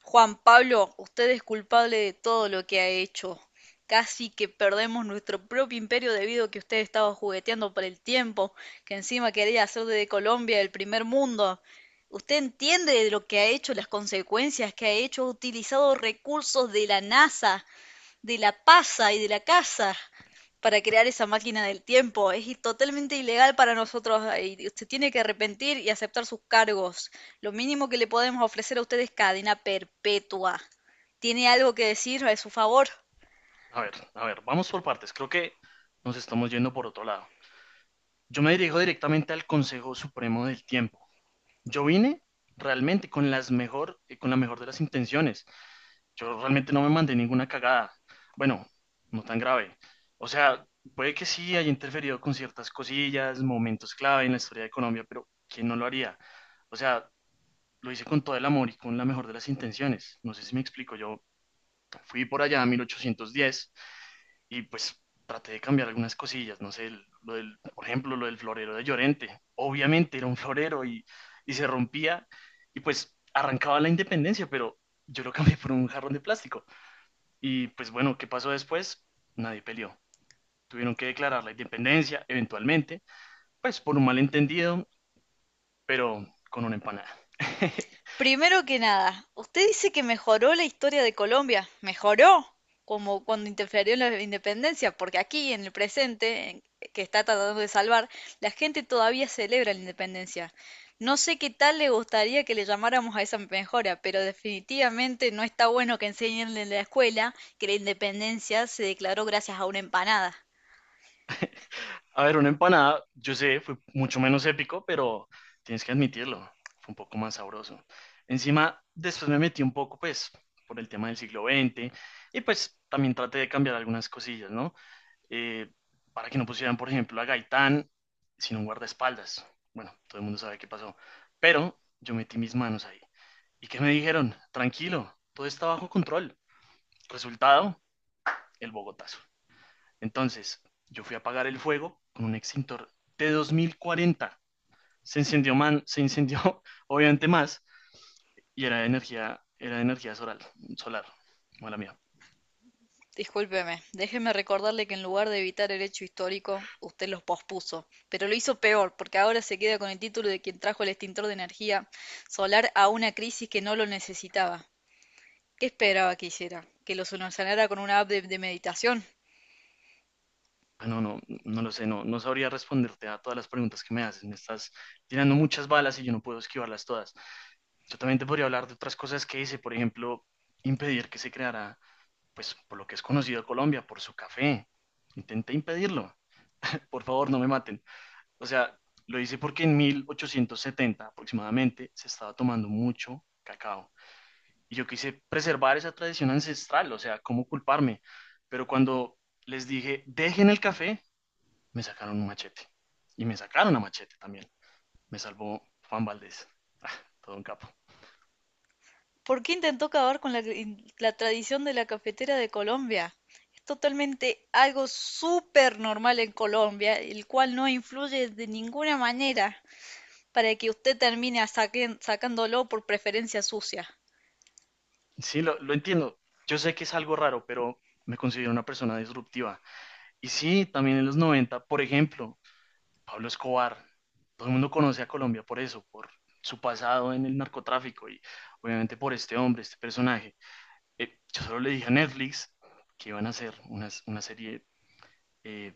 Juan Pablo, usted es culpable de todo lo que ha hecho. Casi que perdemos nuestro propio imperio debido a que usted estaba jugueteando por el tiempo, que encima quería hacer de Colombia el primer mundo. ¿Usted entiende de lo que ha hecho, las consecuencias que ha hecho? Ha utilizado recursos de la NASA de la pasa y de la casa para crear esa máquina del tiempo. Es totalmente ilegal para nosotros, y usted tiene que arrepentir y aceptar sus cargos. Lo mínimo que le podemos ofrecer a usted es cadena perpetua. ¿Tiene algo que decir a su favor? A ver, vamos por partes. Creo que nos estamos yendo por otro lado. Yo me dirijo directamente al Consejo Supremo del Tiempo. Yo vine realmente con la mejor de las intenciones. Yo realmente no me mandé ninguna cagada. Bueno, no tan grave. O sea, puede que sí haya interferido con ciertas cosillas, momentos clave en la historia de Colombia, pero ¿quién no lo haría? O sea, lo hice con todo el amor y con la mejor de las intenciones. No sé si me explico. Yo fui por allá a 1810 y pues traté de cambiar algunas cosillas, no sé, lo del, por ejemplo, lo del florero de Llorente. Obviamente era un florero y se rompía y pues arrancaba la independencia, pero yo lo cambié por un jarrón de plástico. Y pues bueno, ¿qué pasó después? Nadie peleó. Tuvieron que declarar la independencia eventualmente, pues por un malentendido, pero con una empanada. Primero que nada, usted dice que mejoró la historia de Colombia. ¿Mejoró? Como cuando interfirió en la independencia, porque aquí, en el presente, que está tratando de salvar, la gente todavía celebra la independencia. No sé qué tal le gustaría que le llamáramos a esa mejora, pero definitivamente no está bueno que enseñen en la escuela que la independencia se declaró gracias a una empanada. A ver, una empanada, yo sé, fue mucho menos épico, pero tienes que admitirlo, fue un poco más sabroso. Encima, después me metí un poco, pues, por el tema del siglo XX y pues también traté de cambiar algunas cosillas, ¿no? Eh, para que no pusieran, por ejemplo, a Gaitán sin un guardaespaldas. Bueno, todo el mundo sabe qué pasó, pero yo metí mis manos ahí. ¿Y qué me dijeron? Tranquilo, todo está bajo control. Resultado, el Bogotazo. Entonces, yo fui a apagar el fuego con un extintor de 2040. Se incendió, man, se incendió obviamente más y era de energía solar, solar, mala mía. Discúlpeme, déjeme recordarle que en lugar de evitar el hecho histórico, usted lo pospuso, pero lo hizo peor, porque ahora se queda con el título de quien trajo el extintor de energía solar a una crisis que no lo necesitaba. ¿Qué esperaba que hiciera? ¿Que lo solucionara con una app de meditación? Ah, no, no, no lo sé, no sabría responderte a todas las preguntas que me haces. Me estás tirando muchas balas y yo no puedo esquivarlas todas. Yo también te podría hablar de otras cosas que hice, por ejemplo, impedir que se creara, pues, por lo que es conocido Colombia, por su café. Intenté impedirlo. Por favor, no me maten. O sea, lo hice porque en 1870 aproximadamente se estaba tomando mucho cacao. Y yo quise preservar esa tradición ancestral, o sea, ¿cómo culparme? Pero cuando les dije, dejen el café, me sacaron un machete. Y me sacaron a machete también. Me salvó Juan Valdés. Ah, todo un capo. ¿Por qué intentó acabar con la tradición de la cafetera de Colombia? Es totalmente algo súper normal en Colombia, el cual no influye de ninguna manera para que usted termine sacándolo por preferencia sucia. Sí, lo entiendo. Yo sé que es algo raro, pero me considero una persona disruptiva. Y sí, también en los 90, por ejemplo, Pablo Escobar. Todo el mundo conoce a Colombia por eso, por su pasado en el narcotráfico y obviamente por este hombre, este personaje. Yo solo le dije a Netflix que iban a hacer una serie, eh,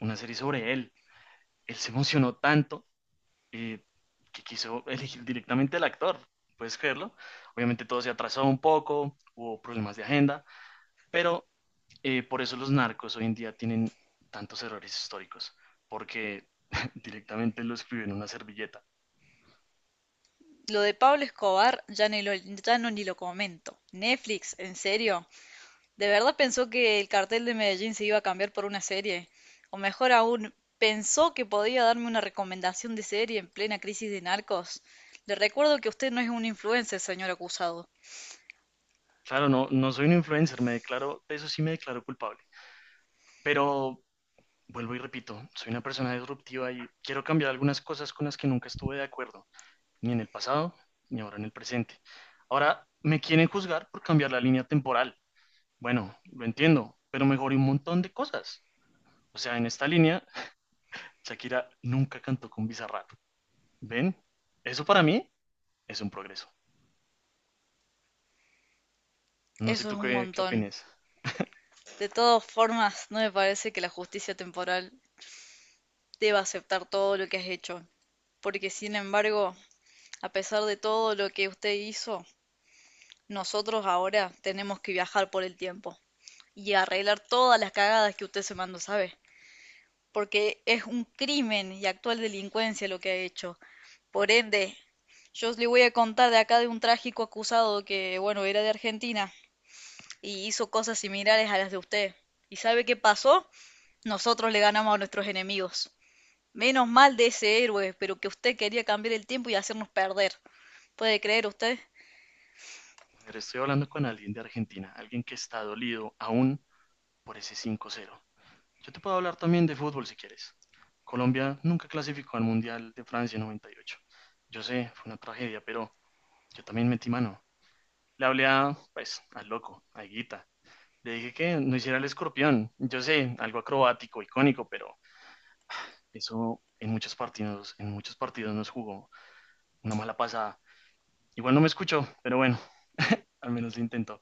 una serie sobre él. Él se emocionó tanto eh, que quiso elegir directamente al actor. ¿Puedes creerlo? Obviamente todo se atrasó un poco, hubo problemas de agenda, pero por eso los narcos hoy en día tienen tantos errores históricos, porque directamente lo escriben en una servilleta. Lo de Pablo Escobar ya no ni lo comento. Netflix, ¿en serio? ¿De verdad pensó que el cartel de Medellín se iba a cambiar por una serie? O mejor aún, ¿pensó que podía darme una recomendación de serie en plena crisis de narcos? Le recuerdo que usted no es un influencer, señor acusado. Claro, no, no soy un influencer, me declaro, de eso sí me declaro culpable. Pero vuelvo y repito, soy una persona disruptiva y quiero cambiar algunas cosas con las que nunca estuve de acuerdo, ni en el pasado, ni ahora en el presente. Ahora me quieren juzgar por cambiar la línea temporal. Bueno, lo entiendo, pero mejoré un montón de cosas. O sea, en esta línea, Shakira nunca cantó con Bizarrap. ¿Ven? Eso para mí es un progreso. No sé Eso es tú un qué montón. opinas. De todas formas, no me parece que la justicia temporal deba aceptar todo lo que has hecho. Porque, sin embargo, a pesar de todo lo que usted hizo, nosotros ahora tenemos que viajar por el tiempo y arreglar todas las cagadas que usted se mandó, ¿sabe? Porque es un crimen y actual delincuencia lo que ha hecho. Por ende, yo le voy a contar de acá de un trágico acusado que, bueno, era de Argentina y hizo cosas similares a las de usted. ¿Y sabe qué pasó? Nosotros le ganamos a nuestros enemigos. Menos mal de ese héroe, pero que usted quería cambiar el tiempo y hacernos perder. ¿Puede creer usted? A ver, estoy hablando con alguien de Argentina, alguien que está dolido aún por ese 5-0. Yo te puedo hablar también de fútbol si quieres. Colombia nunca clasificó al Mundial de Francia 98. Yo sé, fue una tragedia, pero yo también metí mano. Le hablé a, pues, al loco, a Higuita. Le dije que no hiciera el escorpión. Yo sé, algo acrobático, icónico, pero eso en muchos partidos, nos jugó una mala pasada. Igual no me escuchó, pero bueno, al menos lo intentó.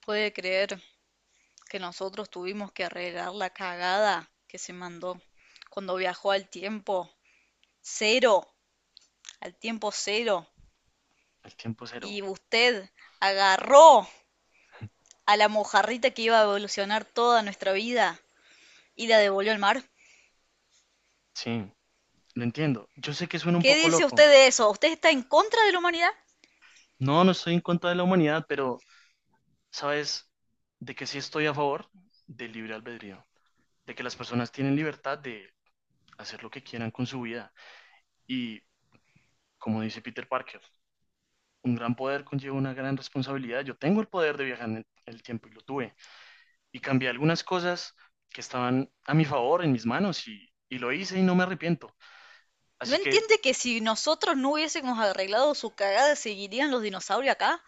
¿Puede creer que nosotros tuvimos que arreglar la cagada que se mandó cuando viajó cero, al tiempo cero, El tiempo cero. y usted agarró a la mojarrita que iba a evolucionar toda nuestra vida y la devolvió al mar? Sí, lo entiendo. Yo sé que suena un ¿Qué poco dice usted loco. de eso? ¿Usted está en contra de la humanidad? No, no estoy en contra de la humanidad, pero ¿sabes de que sí estoy a favor del libre albedrío? De que las personas tienen libertad de hacer lo que quieran con su vida. Y como dice Peter Parker, un gran poder conlleva una gran responsabilidad. Yo tengo el poder de viajar en el tiempo y lo tuve. Y cambié algunas cosas que estaban a mi favor, en mis manos, y, lo hice y no me arrepiento. ¿No Así que, entiende que si nosotros no hubiésemos arreglado su cagada seguirían los dinosaurios acá?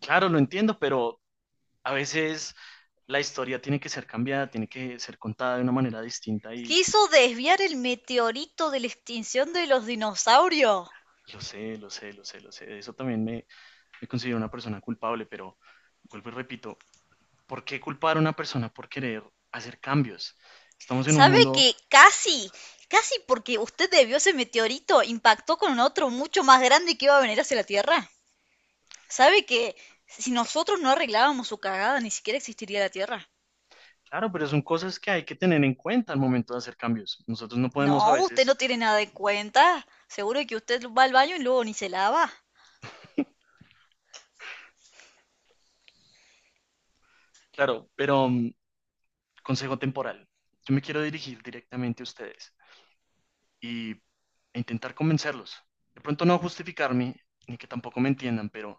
claro, lo entiendo, pero a veces la historia tiene que ser cambiada, tiene que ser contada de una manera distinta y Quiso desviar el meteorito de la extinción de los dinosaurios. lo sé, lo sé, lo sé, lo sé. De eso también me considero una persona culpable, pero vuelvo y repito, ¿por qué culpar a una persona por querer hacer cambios? Estamos en un ¿Sabe mundo, que casi, casi porque usted debió ese meteorito, impactó con otro mucho más grande que iba a venir hacia la Tierra? ¿Sabe que si nosotros no arreglábamos su cagada, ni siquiera existiría la Tierra? claro, pero son cosas que hay que tener en cuenta al momento de hacer cambios. Nosotros no podemos a No, usted veces, no tiene nada en cuenta. Seguro que usted va al baño y luego ni se lava. claro, pero consejo temporal. Yo me quiero dirigir directamente a ustedes y e intentar convencerlos. De pronto no justificarme, ni que tampoco me entiendan, pero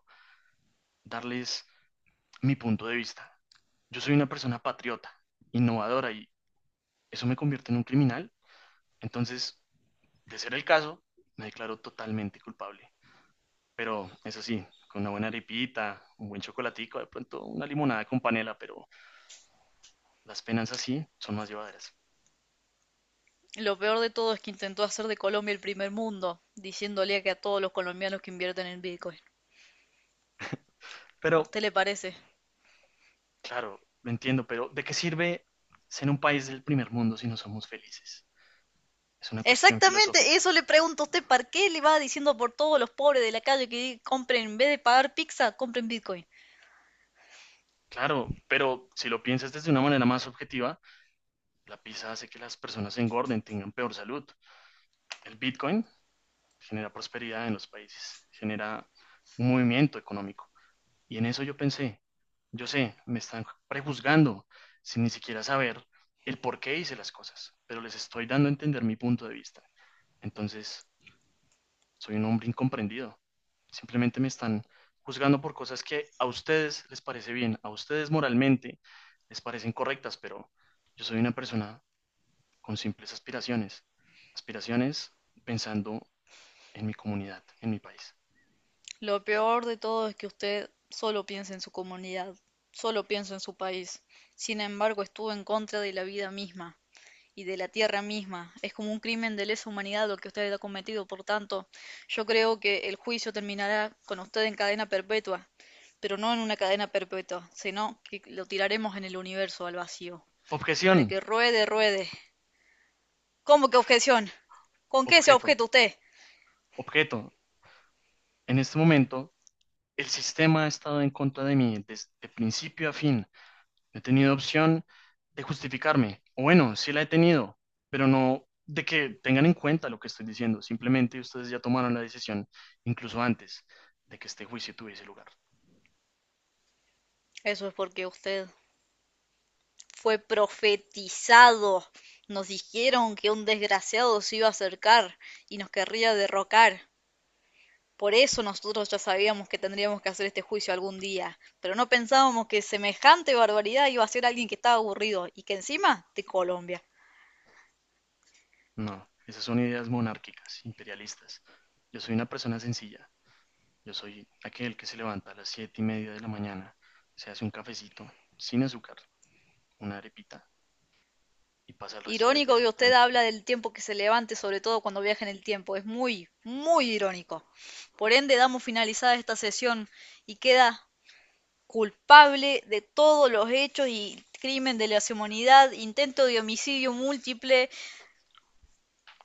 darles mi punto de vista. Yo soy una persona patriota, innovadora y eso me convierte en un criminal. Entonces, de ser el caso, me declaro totalmente culpable. Pero eso sí, con una buena arepita, un buen chocolatico, de pronto una limonada con panela, pero las penas así son más llevaderas. Lo peor de todo es que intentó hacer de Colombia el primer mundo, diciéndole que a todos los colombianos que invierten en Bitcoin. ¿A Pero, usted le parece? claro, lo entiendo, pero ¿de qué sirve ser un país del primer mundo si no somos felices? Es una cuestión Exactamente, filosófica. eso le pregunto a usted, ¿para qué le va diciendo por todos los pobres de la calle que compren, en vez de pagar pizza, compren Bitcoin? Claro, pero si lo piensas desde una manera más objetiva, la pizza hace que las personas engorden, tengan peor salud. El Bitcoin genera prosperidad en los países, genera un movimiento económico. Y en eso yo pensé, yo sé, me están prejuzgando sin ni siquiera saber el por qué hice las cosas, pero les estoy dando a entender mi punto de vista. Entonces, soy un hombre incomprendido. Simplemente me están juzgando por cosas que a ustedes les parece bien, a ustedes moralmente les parecen correctas, pero yo soy una persona con simples aspiraciones. Aspiraciones pensando en mi comunidad, en mi país. Lo peor de todo es que usted solo piensa en su comunidad, solo piensa en su país. Sin embargo, estuvo en contra de la vida misma y de la tierra misma. Es como un crimen de lesa humanidad lo que usted ha cometido, por tanto, yo creo que el juicio terminará con usted en cadena perpetua, pero no en una cadena perpetua, sino que lo tiraremos en el universo al vacío, Objeción, para que ruede, ruede. ¿Cómo que objeción? ¿Con qué se objeto, objeta usted? objeto. En este momento, el sistema ha estado en contra de mí desde principio a fin. No he tenido opción de justificarme. O bueno, sí la he tenido, pero no de que tengan en cuenta lo que estoy diciendo. Simplemente ustedes ya tomaron la decisión, incluso antes de que este juicio tuviese lugar. Eso es porque usted fue profetizado. Nos dijeron que un desgraciado se iba a acercar y nos querría derrocar. Por eso nosotros ya sabíamos que tendríamos que hacer este juicio algún día, pero no pensábamos que semejante barbaridad iba a ser alguien que estaba aburrido y que encima de Colombia. No, esas son ideas monárquicas, imperialistas. Yo soy una persona sencilla. Yo soy aquel que se levanta a las 7:30 de la mañana, se hace un cafecito, sin azúcar, una arepita y pasa el resto del Irónico día que usted tranquilo. habla del tiempo que se levante, sobre todo cuando viaja en el tiempo. Es muy, muy irónico. Por ende, damos finalizada esta sesión y queda culpable de todos los hechos y crimen de lesa humanidad, intento de homicidio múltiple,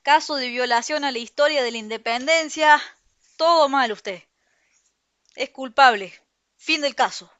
caso de violación a la historia de la independencia, todo mal usted. Es culpable. Fin del caso.